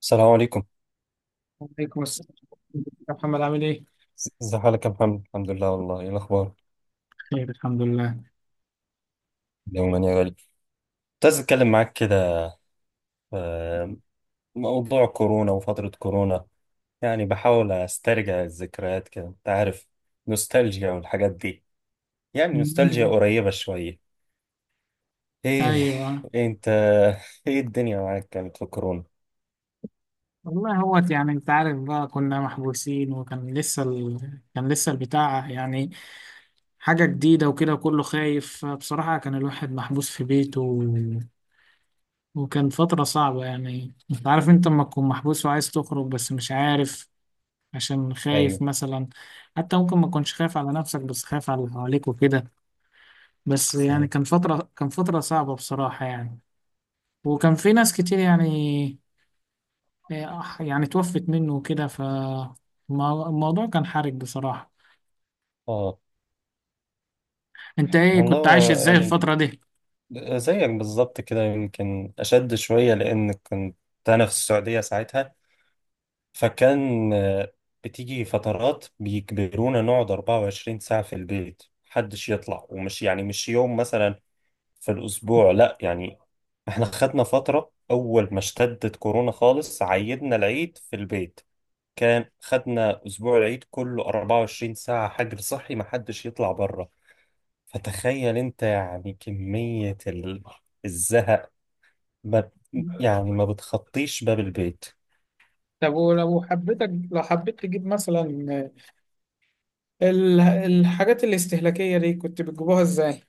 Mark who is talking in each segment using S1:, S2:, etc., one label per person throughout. S1: السلام عليكم.
S2: وعليكم السلام يا محمد، عامل ايه؟
S1: ازي حالك يا محمد؟ الحمد لله. والله ايه الاخبار؟
S2: خير، الحمد لله.
S1: يوما يا غالي، كنت عايز اتكلم معاك كده في موضوع كورونا وفترة كورونا. يعني بحاول استرجع الذكريات كده، انت عارف، نوستالجيا والحاجات دي، يعني نوستالجيا
S2: مم.
S1: قريبة شوية. ايه؟
S2: ايوه.
S1: إيه انت؟ ايه الدنيا معاك كانت في كورونا؟
S2: والله هو يعني انت عارف بقى كنا محبوسين، كان لسه البتاع يعني حاجة جديدة وكده، وكله خايف بصراحة. كان الواحد محبوس في بيته. وكان فترة صعبة. يعني انت عارف، انت لما تكون محبوس وعايز تخرج بس مش عارف، عشان خايف
S1: ايوه.
S2: مثلا. حتى ممكن ما تكونش خايف على نفسك بس خايف على اللي حواليك وكده. بس يعني
S1: صحيح.
S2: كان فترة صعبة بصراحة يعني. وكان في ناس كتير يعني يعني توفت منه وكده، فالموضوع كان حرج بصراحة.
S1: اه.
S2: انت ايه
S1: والله
S2: كنت عايش
S1: هو
S2: ازاي
S1: يعني
S2: الفترة دي؟
S1: زيك بالظبط كده، يمكن اشد شوية، لان كنت انا في السعودية ساعتها. فكان بتيجي فترات بيجبرونا نقعد 24 ساعة في البيت، محدش يطلع، ومش يعني مش يوم مثلا في الأسبوع، لا يعني احنا خدنا فترة أول ما اشتدت كورونا خالص، عيدنا العيد في البيت، كان خدنا أسبوع العيد كله 24 ساعة حجر صحي، محدش يطلع بره. فتخيل أنت يعني كمية الزهق. ما يعني ما بتخطيش باب البيت.
S2: طب ولو حبيتك، لو حبيت تجيب مثلا الحاجات الاستهلاكية دي كنت بتجيبوها ازاي؟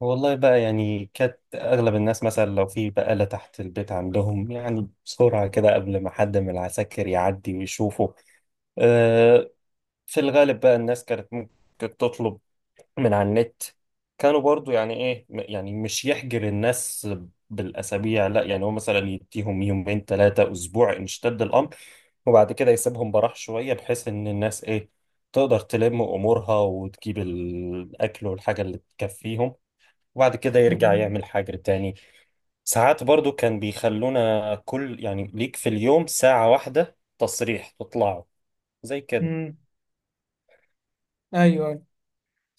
S1: والله بقى، يعني كانت أغلب الناس مثلا لو في بقالة تحت البيت عندهم، يعني بسرعة كده قبل ما حد من العساكر يعدي ويشوفه. أه. في الغالب بقى الناس كانت ممكن تطلب من على النت. كانوا برضو يعني إيه يعني مش يحجر الناس بالأسابيع، لا يعني هو مثلا يديهم يومين 3 أسبوع إن اشتد الأمر، وبعد كده يسيبهم براح شوية بحيث إن الناس إيه تقدر تلم أمورها وتجيب الأكل والحاجة اللي تكفيهم، وبعد كده يرجع يعمل حاجة تاني. ساعات برضو كان بيخلونا كل يعني، ليك في اليوم ساعة واحدة تصريح تطلعوا زي كده.
S2: امم ايوه، أيوة.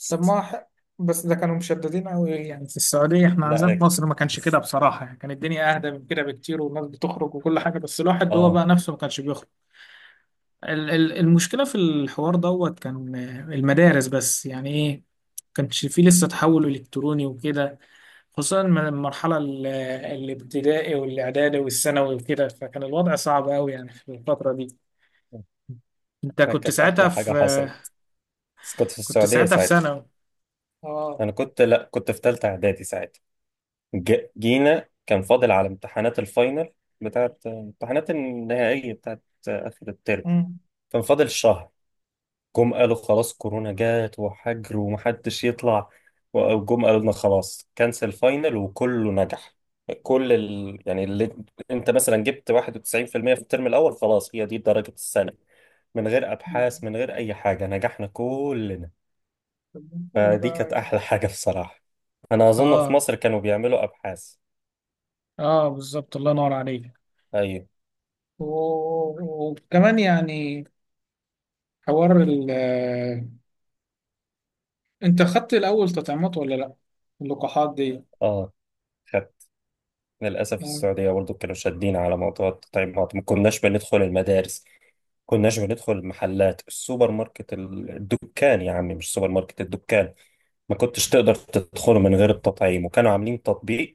S2: طب ما ح- بس ده كانوا مشددين قوي يعني في السعودية. احنا عندنا
S1: لا
S2: في
S1: أك-
S2: مصر ما كانش كده
S1: بس-
S2: بصراحة، يعني كانت الدنيا اهدى من كده بكتير، والناس بتخرج وكل حاجة، بس الواحد هو
S1: اه.
S2: بقى نفسه ما كانش بيخرج. المشكلة في الحوار دوت كان المدارس، بس يعني ايه كانش فيه لسه تحول إلكتروني وكده، خصوصا من المرحلة الابتدائي والإعدادي والثانوي وكده، فكان الوضع صعب أوي يعني في الفترة دي. أنت كنت
S1: كانت
S2: ساعتها
S1: أحلى حاجة
S2: في آه،
S1: حصلت، بس كنت في
S2: كنت
S1: السعودية
S2: ساعتها في
S1: ساعتها.
S2: ثانوي. اه.
S1: أنا كنت، لا كنت في تالتة إعدادي ساعتها. جينا كان فاضل على امتحانات الفاينل، بتاعت امتحانات النهائية بتاعت آخر الترم.
S2: مم.
S1: كان فاضل شهر. جم قالوا خلاص كورونا جات وحجر ومحدش يطلع، وجم قالوا لنا خلاص كانسل فاينل وكله نجح. يعني اللي انت مثلا جبت 91% في المية في الترم الاول خلاص هي دي درجة السنة. من غير ابحاث، من غير اي حاجة، نجحنا كلنا.
S2: طب حلو ده
S1: فدي كانت احلى
S2: يعني.
S1: حاجة بصراحة. انا اظن في
S2: اه.
S1: مصر كانوا بيعملوا ابحاث.
S2: اه، بالظبط، الله ينور عليك.
S1: ايوه.
S2: وكمان يعني حوار، انت خدت الاول تطعيمات ولا لا؟ اللقاحات دي
S1: اه، خدت. للاسف
S2: يعني.
S1: السعودية برضو كانوا شادين على موضوع التطعيمات. ما كناش بندخل المدارس، كناش بندخل المحلات، السوبر ماركت، الدكان يا عمي مش سوبر ماركت، الدكان ما كنتش تقدر تدخله من غير التطعيم. وكانوا عاملين تطبيق،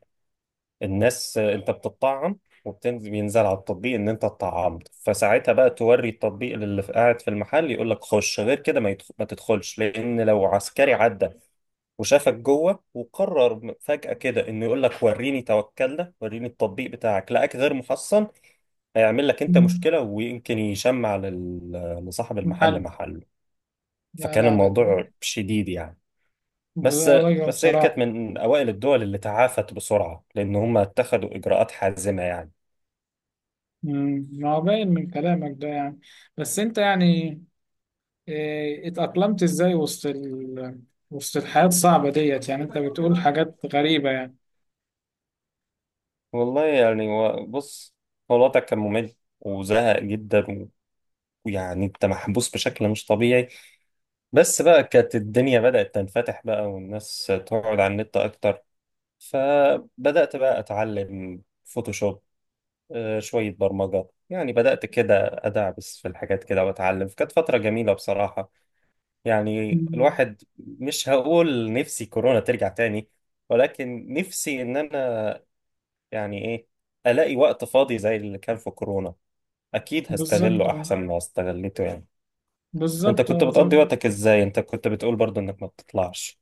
S1: الناس انت بتطعم وبتنزل، بينزل على التطبيق ان انت اتطعمت، فساعتها بقى توري التطبيق اللي قاعد في المحل يقول لك خش. غير كده ما تدخلش، لان لو عسكري عدى وشافك جوه وقرر فجأة كده انه يقول لك وريني توكلنا، وريني التطبيق بتاعك، لقاك غير محصن، هيعمل لك انت مشكلة ويمكن يشمع لصاحب
S2: حل.
S1: المحل محله.
S2: لا
S1: فكان
S2: لا لا،
S1: الموضوع شديد يعني. بس
S2: بصراحة
S1: بس هي كانت
S2: بصراحة.
S1: من أوائل الدول اللي تعافت بسرعة، لأن هم اتخذوا إجراءات حازمة يعني.
S2: ما هو باين من كلامك ده يعني. بس انت يعني اه، اتأقلمت ازاي وسط وسط الحياة الصعبة ديت؟ يعني انت بتقول حاجات غريبة يعني.
S1: بص، هو الوضع كان ممل وزهق جدا ويعني انت محبوس بشكل مش طبيعي. بس بقى كانت الدنيا بدأت تنفتح بقى، والناس تقعد على النت أكتر. فبدأت بقى أتعلم فوتوشوب، شوية برمجة، يعني بدأت كده أدعبس في الحاجات كده وأتعلم. كانت فترة جميلة بصراحة. يعني
S2: مم.
S1: الواحد مش هقول نفسي كورونا ترجع تاني، ولكن نفسي إن أنا يعني إيه، ألاقي وقت فاضي زي اللي كان في كورونا، أكيد
S2: بالظبط
S1: هستغله
S2: اه.
S1: أحسن ما استغلته يعني. أنت
S2: بالظبط
S1: كنت
S2: اه
S1: بتقضي
S2: زي-
S1: وقتك إزاي؟ أنت كنت بتقول برضو إنك ما بتطلعش.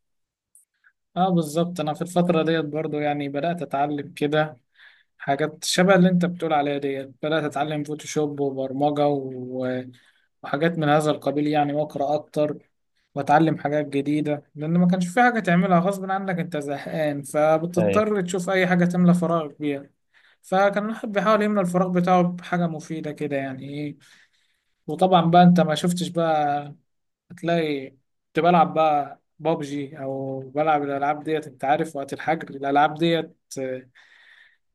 S2: اه بالظبط، انا في الفترة ديت برضو يعني بدأت اتعلم كده حاجات شبه اللي انت بتقول عليها ديت. بدأت اتعلم فوتوشوب وبرمجة وحاجات من هذا القبيل يعني، واقرا اكتر واتعلم حاجات جديده، لان ما كانش في حاجه تعملها غصب عنك انت زهقان،
S1: أيوه.
S2: فبتضطر تشوف اي حاجه تملى فراغك بيها. فكان الواحد بيحاول يملى الفراغ بتاعه بحاجه مفيده كده، يعني ايه. وطبعا بقى انت ما شفتش بقى، هتلاقي كنت بلعب بقى بابجي او بلعب الالعاب ديت. انت عارف وقت الحجر الالعاب ديت،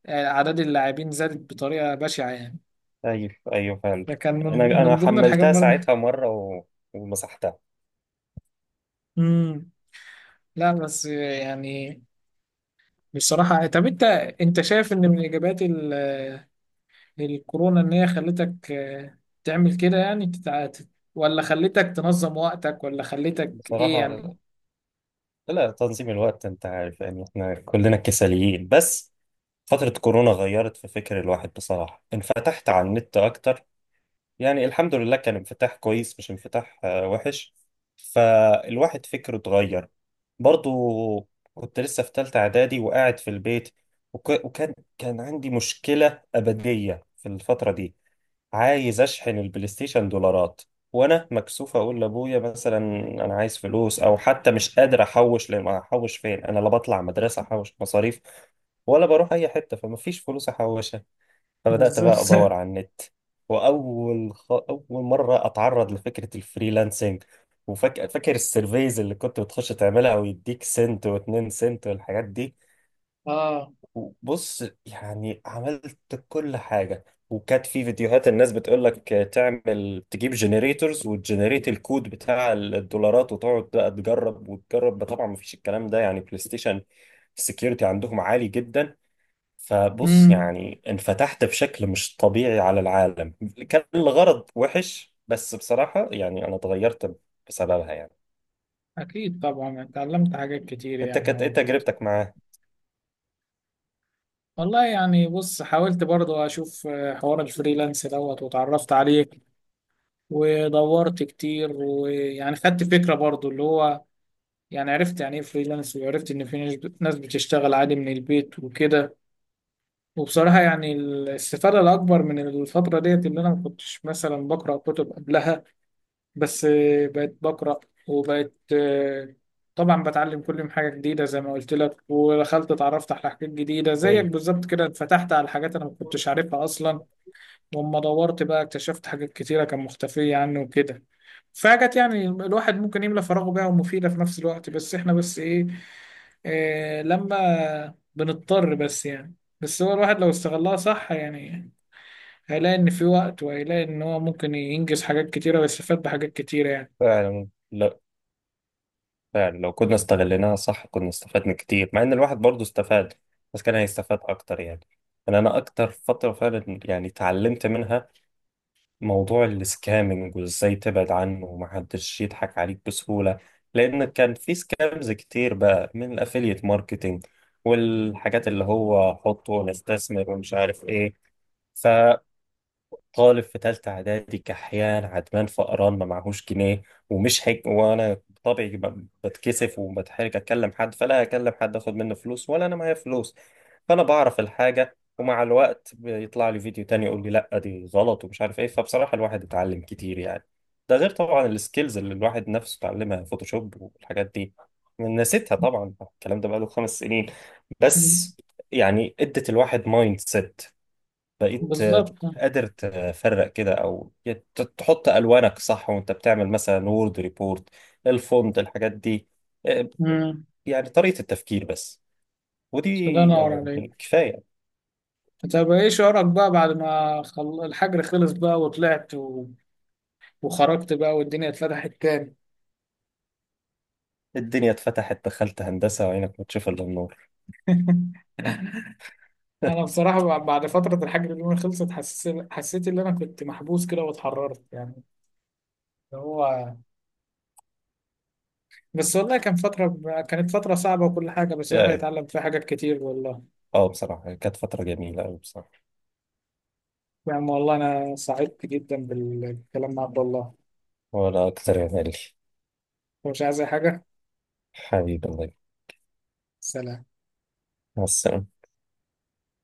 S2: اعداد اللاعبين زادت بطريقه بشعه يعني.
S1: أيوه. أيوه، فعلا.
S2: فكان
S1: أنا
S2: من
S1: أنا
S2: من ضمن الحاجات
S1: حملتها
S2: برضه.
S1: ساعتها مرة ومسحتها.
S2: امم لا، بس يعني بصراحة. طب أنت شايف إن من إيجابيات الكورونا إن هي خلتك تعمل كده، يعني ولا خلتك تنظم وقتك ولا خلتك إيه
S1: بصراحة
S2: يعني؟
S1: لا، تنظيم الوقت، انت عارف يعني احنا كلنا كساليين، بس فترة كورونا غيرت في فكر الواحد بصراحة. انفتحت على النت اكتر، يعني الحمد لله كان انفتاح كويس مش انفتاح وحش. فالواحد فكره اتغير. برضو كنت لسه في تالتة اعدادي وقاعد في البيت وكان عندي مشكلة أبدية في الفترة دي. عايز اشحن البلاي ستيشن دولارات، وانا مكسوف اقول لابويا مثلا انا عايز فلوس، او حتى مش قادر احوش، لان احوش فين؟ انا لا بطلع مدرسه احوش مصاريف، ولا بروح اي حته فمفيش فلوس احوشها. فبدات
S2: بالظبط
S1: بقى ادور على النت. اول مره اتعرض لفكره الفريلانسنج. وفاكر السيرفيز اللي كنت بتخش تعملها ويديك سنت واتنين سنت والحاجات دي.
S2: آه.
S1: بص يعني عملت كل حاجة، وكانت في فيديوهات الناس بتقول لك تعمل، تجيب جنريتورز وتجنريت الكود بتاع الدولارات، وتقعد بقى تجرب وتجرب. طبعا ما فيش الكلام ده يعني، بلاي ستيشن السكيورتي عندهم عالي جدا. فبص
S2: امم
S1: يعني انفتحت بشكل مش طبيعي على العالم. كان الغرض وحش، بس بصراحة يعني انا اتغيرت بسببها يعني.
S2: أكيد طبعا اتعلمت حاجات كتير
S1: انت
S2: يعني
S1: كانت ايه
S2: أهو.
S1: تجربتك معاه؟
S2: والله يعني بص، حاولت برضو أشوف حوار الفريلانس دوت واتعرفت عليه، ودورت كتير، ويعني خدت فكرة برضو اللي هو، يعني عرفت يعني إيه فريلانس، وعرفت إن في ناس بتشتغل عادي من البيت وكده. وبصراحة يعني الاستفادة الأكبر من الفترة ديت اللي أنا ما كنتش مثلا بقرأ كتب قبلها. بس بقيت بقرأ، وبقيت آه، طبعا بتعلم كل يوم حاجة جديدة زي ما قلت لك. ودخلت اتعرفت على حاجات جديدة زيك
S1: ايوه
S2: بالظبط كده، اتفتحت على حاجات أنا ما كنتش عارفها أصلا. ولما دورت بقى اكتشفت حاجات كتيرة كان مختفية عني وكده. فحاجات يعني الواحد ممكن يملى فراغه بيها ومفيدة في نفس الوقت، بس احنا بس إيه، لما بنضطر بس يعني. بس هو الواحد لو استغلها صح يعني هيلاقي إن في وقت، وهيلاقي إن هو ممكن ينجز حاجات كتيرة ويستفاد بحاجات كتيرة يعني.
S1: فعلا. لا فعلا، لو كنا استغليناها صح كنا استفدنا كتير، مع ان الواحد برضه استفاد، بس كان هيستفاد اكتر يعني. يعني انا اكتر فتره فعلا يعني اتعلمت منها موضوع السكامنج وازاي تبعد عنه، ومحدش يضحك عليك بسهوله، لان كان في سكامز كتير بقى من الافيليت ماركتينج والحاجات اللي هو حط ونستثمر ومش عارف ايه. طالب في تالتة إعدادي، كحيان عدمان فقران ما معهوش جنيه، ومش حج، وأنا بطبعي بتكسف وبتحرج أكلم حد، فلا أكلم حد أخد منه فلوس ولا أنا معايا فلوس. فأنا بعرف الحاجة، ومع الوقت بيطلع لي فيديو تاني يقول لي لأ دي غلط ومش عارف إيه. فبصراحة الواحد اتعلم كتير يعني. ده غير طبعا السكيلز اللي الواحد نفسه اتعلمها، فوتوشوب والحاجات دي. نسيتها طبعا الكلام ده بقاله 5 سنين.
S2: مم.
S1: بس يعني ادت الواحد مايند سيت. بقيت
S2: بالظبط.
S1: قادر تفرق كده، او تحط الوانك صح وانت بتعمل مثلا وورد ريبورت، الفونت، الحاجات دي. آه،
S2: امم
S1: يعني طريقة التفكير بس. ودي
S2: الله ينور عليك.
S1: يعني كفاية.
S2: طب إيه شعورك بقى بعد ما الحجر خلص بقى وطلعت، وخرجت بقى والدنيا اتفتحت تاني.
S1: الدنيا اتفتحت، دخلت هندسة وعينك ما تشوف الا النور.
S2: أنا بصراحة بعد فترة الحجر اللي أنا خلصت، حسيت إن أنا كنت محبوس كده واتحررت يعني. اللي هو، بس والله كانت فترة صعبة وكل حاجة، بس الواحد
S1: يعني
S2: اتعلم فيها حاجات كتير والله.
S1: اه بصراحة كانت فترة جميلة أوي بصراحة.
S2: يا عم والله، أنا سعدت جدا بالكلام مع عبد الله.
S1: ولا أكتر يا غالي.
S2: هو مش عايز أي حاجة.
S1: حبيبي الله يبارك.
S2: سلام.
S1: مع السلامة.